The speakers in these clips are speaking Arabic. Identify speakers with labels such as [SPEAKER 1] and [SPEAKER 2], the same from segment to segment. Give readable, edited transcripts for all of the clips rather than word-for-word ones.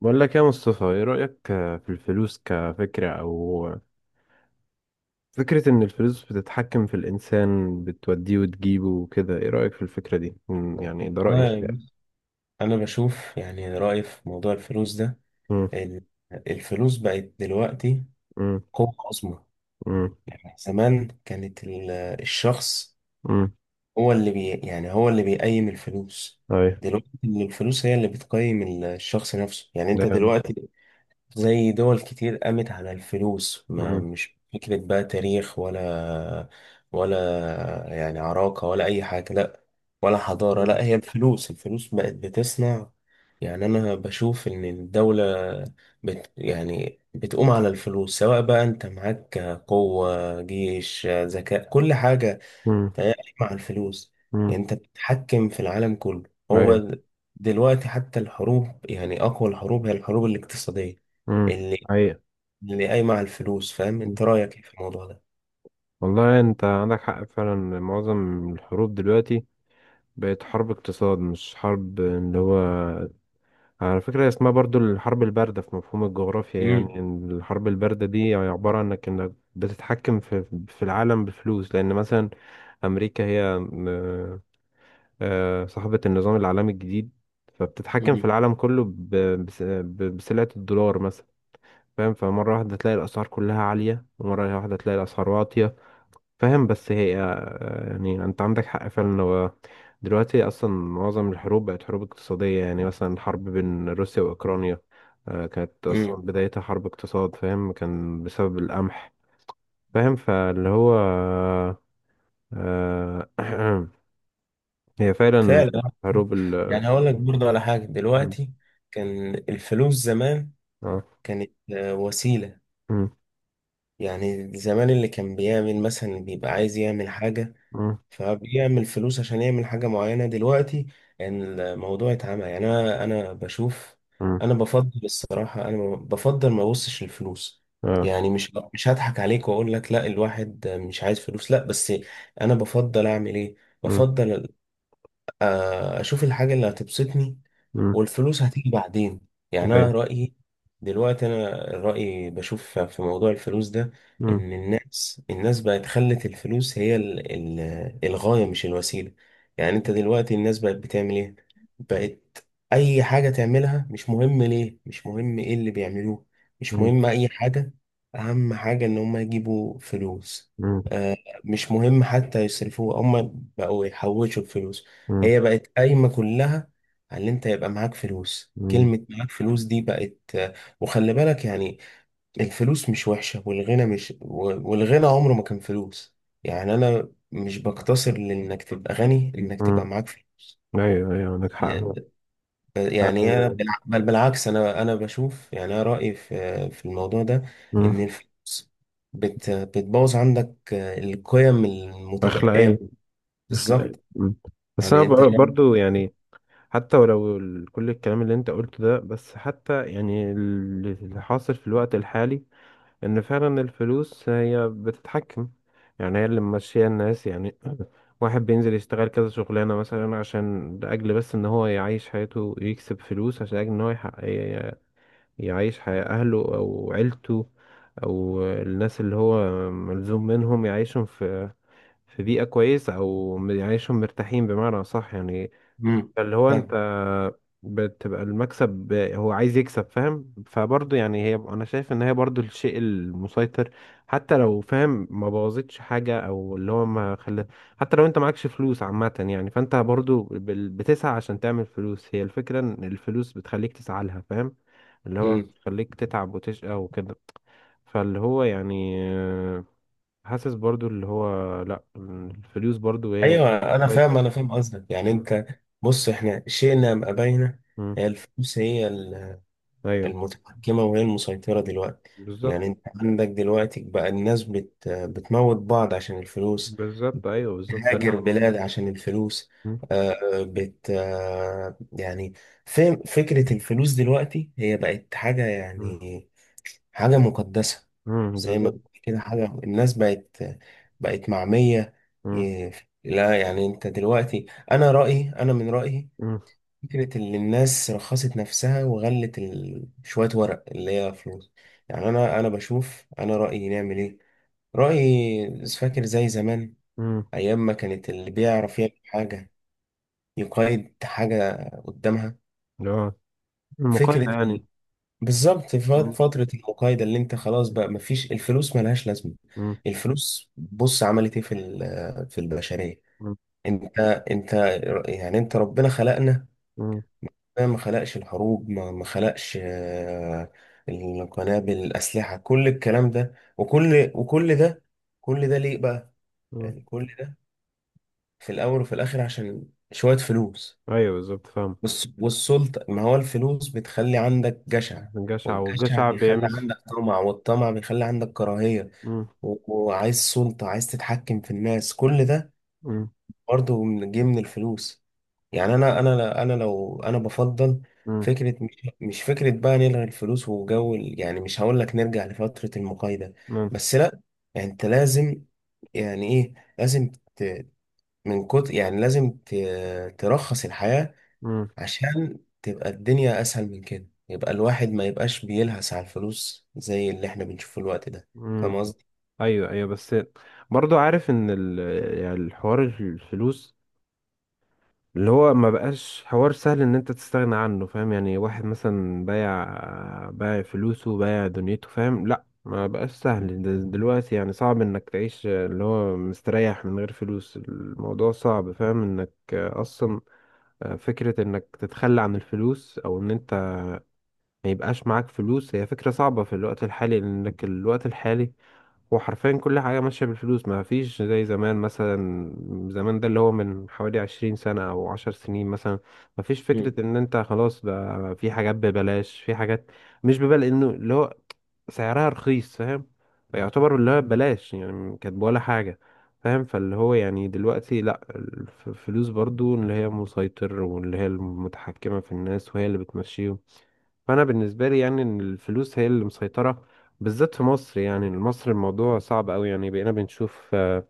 [SPEAKER 1] بقول لك يا مصطفى، ايه رأيك في الفلوس كفكرة او فكرة ان الفلوس بتتحكم في الانسان بتوديه وتجيبه وكده؟ ايه رأيك في الفكرة دي؟ يعني ده رأيي
[SPEAKER 2] والله
[SPEAKER 1] الشائع.
[SPEAKER 2] بص، أنا بشوف يعني رأيي في موضوع الفلوس ده
[SPEAKER 1] مم.
[SPEAKER 2] إن الفلوس بقت دلوقتي
[SPEAKER 1] مم.
[SPEAKER 2] قوة عظمى.
[SPEAKER 1] مم.
[SPEAKER 2] يعني زمان كانت الشخص
[SPEAKER 1] مم.
[SPEAKER 2] هو اللي بي يعني هو اللي بيقيم الفلوس،
[SPEAKER 1] ايوه.
[SPEAKER 2] دلوقتي الفلوس هي اللي بتقيم الشخص نفسه. يعني أنت
[SPEAKER 1] ده-
[SPEAKER 2] دلوقتي زي دول كتير قامت على الفلوس، ما
[SPEAKER 1] مم.
[SPEAKER 2] مش فكرة بقى تاريخ ولا ولا يعني عراقة ولا أي حاجة، لأ ولا حضارة،
[SPEAKER 1] مم.
[SPEAKER 2] لأ هي الفلوس. الفلوس بقت بتصنع. يعني أنا بشوف إن الدولة بت يعني بتقوم على الفلوس. سواء بقى أنت معاك قوة جيش ذكاء كل حاجة، تهيألي مع الفلوس
[SPEAKER 1] مم.
[SPEAKER 2] يعني انت بتتحكم في العالم كله. هو
[SPEAKER 1] ايوه.
[SPEAKER 2] د- دلوقتي حتى الحروب، يعني اقوى الحروب هي الحروب الاقتصادية
[SPEAKER 1] مم.
[SPEAKER 2] اللي
[SPEAKER 1] ايوه.
[SPEAKER 2] اللي قايمة على الفلوس. فاهم؟
[SPEAKER 1] مم.
[SPEAKER 2] انت رأيك ايه في الموضوع ده؟
[SPEAKER 1] والله انت عندك حق فعلا، معظم الحروب دلوقتي بقت حرب اقتصاد، مش حرب اللي هو. على فكرة اسمها برضو الحرب الباردة في مفهوم الجغرافيا، يعني
[SPEAKER 2] امم
[SPEAKER 1] إن الحرب الباردة دي عبارة عنك انك بتتحكم في العالم بفلوس، لأن مثلا أمريكا هي صاحبة النظام العالمي الجديد، فبتتحكم في
[SPEAKER 2] امم
[SPEAKER 1] العالم كله بسلعة الدولار مثلا. فاهم؟ فمرة واحدة تلاقي الأسعار كلها عالية، ومرة واحدة تلاقي الأسعار واطية. فاهم؟ بس هي يعني أنت عندك حق فعلا. دلوقتي اصلا معظم الحروب بقت حروب اقتصاديه، يعني مثلا حرب بين روسيا واوكرانيا كانت اصلا
[SPEAKER 2] امم
[SPEAKER 1] بدايتها حرب اقتصاد. فاهم؟ كان بسبب القمح. فاهم؟ فاللي هو آه، هي فعلا
[SPEAKER 2] فعلا.
[SPEAKER 1] حروب
[SPEAKER 2] يعني هقول لك برضه على حاجة،
[SPEAKER 1] م-.
[SPEAKER 2] دلوقتي كان الفلوس زمان
[SPEAKER 1] اه.
[SPEAKER 2] كانت وسيلة.
[SPEAKER 1] م-.
[SPEAKER 2] يعني زمان اللي كان بيعمل مثلا، اللي بيبقى عايز يعمل حاجة
[SPEAKER 1] م-.
[SPEAKER 2] فبيعمل فلوس عشان يعمل حاجة معينة. دلوقتي يعني الموضوع اتعمى. يعني أنا بشوف،
[SPEAKER 1] م-.
[SPEAKER 2] أنا بفضل الصراحة، أنا بفضل ما أبصش للفلوس.
[SPEAKER 1] اه.
[SPEAKER 2] يعني مش هضحك عليك وأقول لك لا الواحد مش عايز فلوس، لا، بس أنا بفضل أعمل إيه؟
[SPEAKER 1] م-.
[SPEAKER 2] بفضل اشوف الحاجة اللي هتبسطني
[SPEAKER 1] م-.
[SPEAKER 2] والفلوس هتيجي بعدين. يعني
[SPEAKER 1] ايوه.
[SPEAKER 2] انا رأيي دلوقتي، انا رأيي بشوف في موضوع الفلوس ده
[SPEAKER 1] م-.
[SPEAKER 2] ان الناس بقت خلت الفلوس هي الغاية مش الوسيلة. يعني انت دلوقتي الناس بقت بتعمل ايه؟ بقت اي حاجة تعملها مش مهم ليه، مش مهم ايه اللي بيعملوه، مش
[SPEAKER 1] م-.
[SPEAKER 2] مهم اي حاجة، اهم حاجة ان هم يجيبوا فلوس.
[SPEAKER 1] م-.
[SPEAKER 2] آه، مش مهم حتى يصرفوه، هم بقوا يحوشوا الفلوس.
[SPEAKER 1] م-.
[SPEAKER 2] هي بقت قايمة كلها على ان انت يبقى معاك فلوس.
[SPEAKER 1] م-.
[SPEAKER 2] كلمة معاك فلوس دي بقت. وخلي بالك يعني الفلوس مش وحشة، والغنى مش و- والغنى عمره ما كان فلوس. يعني انا مش بقتصر لانك تبقى غني انك
[SPEAKER 1] م.
[SPEAKER 2] تبقى معاك فلوس.
[SPEAKER 1] ايوه ايوه عندك حق.
[SPEAKER 2] يعني ب- يعني انا
[SPEAKER 1] آه،
[SPEAKER 2] بالع- بل بالعكس، انا بشوف، يعني انا رأيي في في الموضوع ده
[SPEAKER 1] م.
[SPEAKER 2] ان الفلوس بتبوظ عندك القيم المتبقية.
[SPEAKER 1] اخلاقيه، اخلاقيه.
[SPEAKER 2] بالظبط.
[SPEAKER 1] م. بس انا
[SPEAKER 2] يعني انت شايف
[SPEAKER 1] برضو يعني، حتى ولو كل الكلام اللي انت قلته ده، بس حتى يعني اللي حاصل في الوقت الحالي ان فعلا الفلوس هي بتتحكم، يعني هي اللي ماشية الناس يعني. واحد بينزل يشتغل كذا شغلانة مثلا، عشان لأجل بس ان هو يعيش حياته، يكسب فلوس عشان أجل ان هو يعيش حياة اهله او عيلته، او الناس اللي هو ملزوم منهم يعيشهم في بيئة كويسة، او يعيشهم مرتاحين بمعنى صح يعني.
[SPEAKER 2] امم
[SPEAKER 1] اللي هو انت
[SPEAKER 2] فاهم.
[SPEAKER 1] بتبقى المكسب، هو عايز يكسب. فاهم؟ فبرضه يعني، هي انا شايف ان هي برضه الشيء المسيطر. حتى لو، فاهم، ما بوظتش حاجة او اللي هو ما خلى، حتى لو انت معكش فلوس عامة يعني، فانت برضه بتسعى عشان تعمل فلوس. هي الفكرة ان الفلوس بتخليك تسعى لها. فاهم؟ اللي هو
[SPEAKER 2] مم.
[SPEAKER 1] بتخليك تتعب وتشقى وكده. فاللي هو يعني حاسس برضه اللي هو، لا الفلوس برضه هي
[SPEAKER 2] ايوه انا فاهم،
[SPEAKER 1] المسيطر.
[SPEAKER 2] انا فاهم قصدك. يعني
[SPEAKER 1] مم.
[SPEAKER 2] انت بص احنا شئنا ام ابينا،
[SPEAKER 1] مم.
[SPEAKER 2] هي الفلوس هي
[SPEAKER 1] ايوه
[SPEAKER 2] المتحكمه وهي المسيطره دلوقتي. يعني
[SPEAKER 1] بالظبط.
[SPEAKER 2] انت عندك دلوقتي بقى الناس بتموت بعض عشان الفلوس،
[SPEAKER 1] بالظبط ايوه بالظبط، ده اللي
[SPEAKER 2] بتهاجر
[SPEAKER 1] انا بقوله.
[SPEAKER 2] بلاد عشان الفلوس.
[SPEAKER 1] مم.
[SPEAKER 2] آه، بت آه، يعني فين فكره الفلوس دلوقتي؟ هي بقت حاجه
[SPEAKER 1] مم.
[SPEAKER 2] يعني حاجة مقدسة،
[SPEAKER 1] مم.
[SPEAKER 2] زي ما بيقولوا
[SPEAKER 1] بالظبط.
[SPEAKER 2] كده، حاجة الناس بقت معمية.
[SPEAKER 1] مم.
[SPEAKER 2] إيه، لا يعني انت دلوقتي، انا رأيي، انا من رأيي
[SPEAKER 1] مم.
[SPEAKER 2] فكرة ان الناس رخصت نفسها وغلت شوية ورق اللي هي فلوس. يعني انا بشوف، انا رأيي نعمل ايه؟ رأيي فاكر زي زمان،
[SPEAKER 1] مم.
[SPEAKER 2] ايام ما كانت اللي بيعرف يعمل حاجة يقيد حاجة قدامها،
[SPEAKER 1] اللي هو المقايضة
[SPEAKER 2] فكرة
[SPEAKER 1] يعني.
[SPEAKER 2] بالظبط في
[SPEAKER 1] مم.
[SPEAKER 2] فترة مم. العقايدة، اللي انت خلاص بقى مفيش الفلوس ملهاش لازمة.
[SPEAKER 1] مم.
[SPEAKER 2] الفلوس بص عملت ايه في في البشرية؟
[SPEAKER 1] مم.
[SPEAKER 2] انت انت يعني انت ربنا خلقنا،
[SPEAKER 1] مم.
[SPEAKER 2] ربنا ما خلقش الحروب، ما خلقش القنابل الأسلحة كل الكلام ده، وكل ده، كل ده ليه بقى؟
[SPEAKER 1] مم.
[SPEAKER 2] يعني كل ده في الأول وفي الآخر عشان شوية فلوس.
[SPEAKER 1] ايوه بالظبط. فاهم؟
[SPEAKER 2] والسلطة، ما هو الفلوس بتخلي عندك جشع،
[SPEAKER 1] الجشع،
[SPEAKER 2] والجشع
[SPEAKER 1] والجشع
[SPEAKER 2] بيخلي
[SPEAKER 1] بيعمل
[SPEAKER 2] عندك طمع، والطمع بيخلي عندك كراهية،
[SPEAKER 1] مم.
[SPEAKER 2] و- وعايز سلطة، عايز تتحكم في الناس. كل ده
[SPEAKER 1] مم.
[SPEAKER 2] برضه جه من الفلوس. يعني أنا لو أنا بفضل
[SPEAKER 1] مم.
[SPEAKER 2] فكرة مش فكرة بقى نلغي الفلوس يعني مش هقول لك نرجع لفترة المقايضة،
[SPEAKER 1] مم.
[SPEAKER 2] بس لأ، يعني أنت لازم، يعني إيه لازم من كتر، يعني لازم ترخص الحياة
[SPEAKER 1] مم.
[SPEAKER 2] عشان تبقى الدنيا اسهل من كده، يبقى الواحد ما يبقاش بيلهس على الفلوس زي اللي احنا بنشوفه الوقت ده.
[SPEAKER 1] مم.
[SPEAKER 2] فاهم قصدي؟
[SPEAKER 1] ايوه ايوه، بس برضو عارف ان يعني الحوار الفلوس اللي هو ما بقاش حوار سهل ان انت تستغنى عنه. فاهم؟ يعني واحد مثلا بايع فلوسه، بايع دنيته. فاهم؟ لا ما بقاش سهل دلوقتي، يعني صعب انك تعيش اللي هو مستريح من غير فلوس. الموضوع صعب، فاهم، انك اصلا فكرة انك تتخلى عن الفلوس، او ان انت ما يبقاش معاك فلوس، هي فكرة صعبة في الوقت الحالي، لانك الوقت الحالي هو حرفيا كل حاجة ماشية بالفلوس. ما فيش زي زمان مثلا. زمان ده اللي هو من حوالي 20 سنة أو 10 سنين مثلا، ما فيش
[SPEAKER 2] مم.
[SPEAKER 1] فكرة إن أنت خلاص بقى في حاجات ببلاش، في حاجات مش ببلاش، إنه اللي هو سعرها رخيص. فاهم؟ فيعتبر اللي هو ببلاش يعني، كانت ولا حاجة. فاهم؟ فاللي هو يعني دلوقتي لأ، الفلوس برضو اللي هي مسيطر واللي هي المتحكمة في الناس، وهي اللي بتمشيهم. فانا بالنسبه لي يعني ان الفلوس هي اللي مسيطره، بالذات في مصر. يعني مصر الموضوع صعب قوي، يعني بقينا بنشوف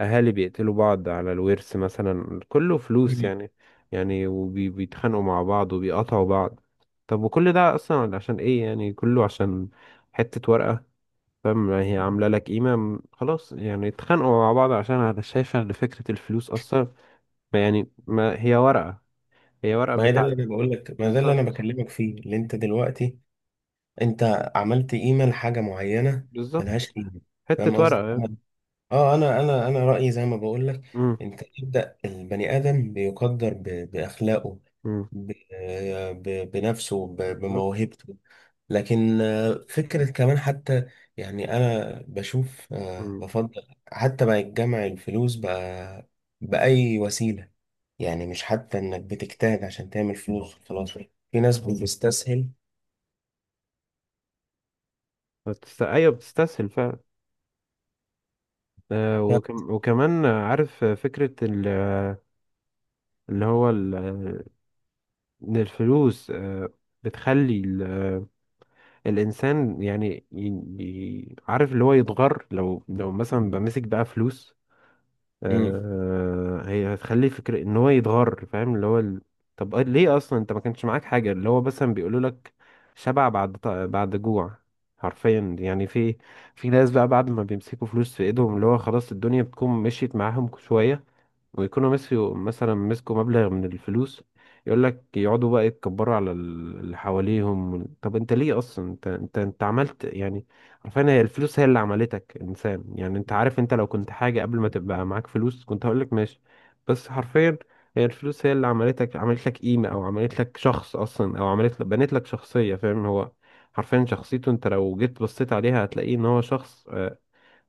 [SPEAKER 1] اهالي بيقتلوا بعض على الورث مثلا، كله فلوس
[SPEAKER 2] مم.
[SPEAKER 1] يعني. يعني وبيتخانقوا مع بعض وبيقطعوا بعض. طب وكل ده اصلا عشان ايه؟ يعني كله عشان حته ورقه. فاهم؟ هي عامله لك قيمه، خلاص يعني اتخانقوا مع بعض. عشان انا شايفه ان فكره الفلوس اصلا، ما يعني، ما هي ورقه، هي ورقه
[SPEAKER 2] ما هي ده اللي
[SPEAKER 1] بتاع.
[SPEAKER 2] انا بقول لك، ما ده اللي انا
[SPEAKER 1] بالظبط.
[SPEAKER 2] بكلمك فيه. اللي انت دلوقتي انت عملت قيمة لحاجة معينة
[SPEAKER 1] بالظبط.
[SPEAKER 2] ملهاش قيمة.
[SPEAKER 1] حته
[SPEAKER 2] فاهم قصدي؟
[SPEAKER 1] ورقه.
[SPEAKER 2] أنا اه، انا رأيي زي ما بقول لك، انت ابدأ البني ادم بيقدر ب... باخلاقه،
[SPEAKER 1] مم.
[SPEAKER 2] ب... ب... بنفسه، ب...
[SPEAKER 1] بالظبط.
[SPEAKER 2] بموهبته. لكن فكرة كمان حتى، يعني أنا بشوف
[SPEAKER 1] مم.
[SPEAKER 2] بفضل حتى بقى يتجمع الفلوس بقى بأي وسيلة. يعني مش حتى إنك بتجتهد عشان تعمل فلوس، خلاص في ناس بتستسهل.
[SPEAKER 1] ايوه بتستسهل فعلا. آه،
[SPEAKER 2] ف-
[SPEAKER 1] وكمان، عارف، فكرة اللي هو ال... آه، ان الفلوس بتخلي ال... آه، الانسان يعني عارف اللي هو يتغر، لو مثلا بمسك بقى فلوس،
[SPEAKER 2] مم.
[SPEAKER 1] هي هتخليه فكرة ان هو يتغر. فاهم؟ اللي هو طب ليه اصلا انت ما كانش معاك حاجة؟ اللي هو مثلا بيقولوا لك شبع بعد بعد جوع، حرفيا يعني. في ناس بقى بعد ما بيمسكوا فلوس في ايدهم، اللي هو خلاص الدنيا بتكون مشيت معاهم شوية، ويكونوا مسكوا مثلا مسكوا مبلغ من الفلوس، يقول لك يقعدوا بقى يتكبروا على اللي حواليهم. طب انت ليه اصلا؟ انت عملت يعني، عارفين هي الفلوس هي اللي عملتك انسان. يعني انت عارف، انت لو كنت حاجة قبل ما تبقى معاك فلوس كنت هقول لك ماشي، بس حرفيا هي الفلوس هي اللي عملتك، عملت لك قيمة، او عملت لك شخص اصلا، او عملت لك بنت لك شخصية. فاهم؟ هو حرفيا شخصيته، انت لو جيت بصيت عليها هتلاقيه ان هو شخص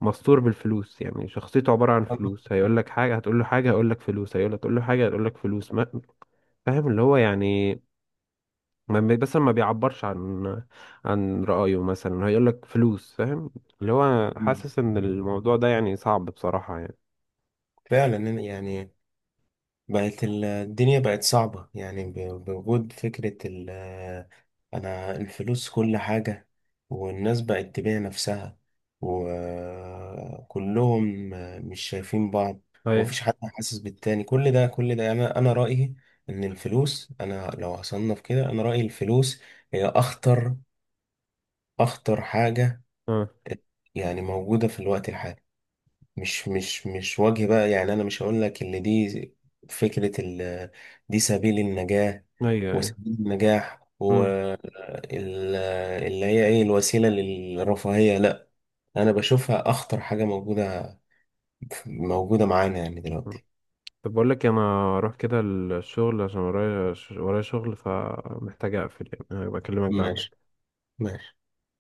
[SPEAKER 1] مستور بالفلوس، يعني شخصيته عبارة عن فلوس. هيقول لك حاجة، هتقول له حاجة هيقول لك فلوس، هيقول لك تقول له حاجة هيقول لك فلوس ما. فاهم؟ اللي هو يعني، ما مثلا ما بيعبرش عن رأيه، مثلا هيقول لك فلوس. فاهم؟ اللي هو
[SPEAKER 2] مم.
[SPEAKER 1] حاسس ان الموضوع ده يعني صعب بصراحة يعني.
[SPEAKER 2] فعلا يعني بقت الدنيا بقت صعبة يعني بوجود فكرة ال أنا الفلوس كل حاجة، والناس بقت تبيع نفسها، وكلهم مش شايفين بعض،
[SPEAKER 1] ايوه.
[SPEAKER 2] ومفيش حد حاسس بالتاني. كل ده، كل ده أنا، رأيي إن الفلوس، أنا لو هصنف كده، أنا رأيي الفلوس هي أخطر، أخطر حاجة
[SPEAKER 1] اه.
[SPEAKER 2] يعني موجودة في الوقت الحالي. مش وجه بقى، يعني انا مش هقول لك ان دي فكرة ال دي سبيل النجاة
[SPEAKER 1] ايوه ايوه.
[SPEAKER 2] وسبيل النجاح،
[SPEAKER 1] امم
[SPEAKER 2] واللي هي ايه الوسيلة للرفاهية، لا، انا بشوفها اخطر حاجة موجودة، موجودة معانا يعني دلوقتي.
[SPEAKER 1] طب بقول لك انا اروح كده الشغل، عشان ورايا ورايا شغل، فمحتاج اقفل يعني. هبقى اكلمك
[SPEAKER 2] ماشي
[SPEAKER 1] بعد
[SPEAKER 2] ماشي.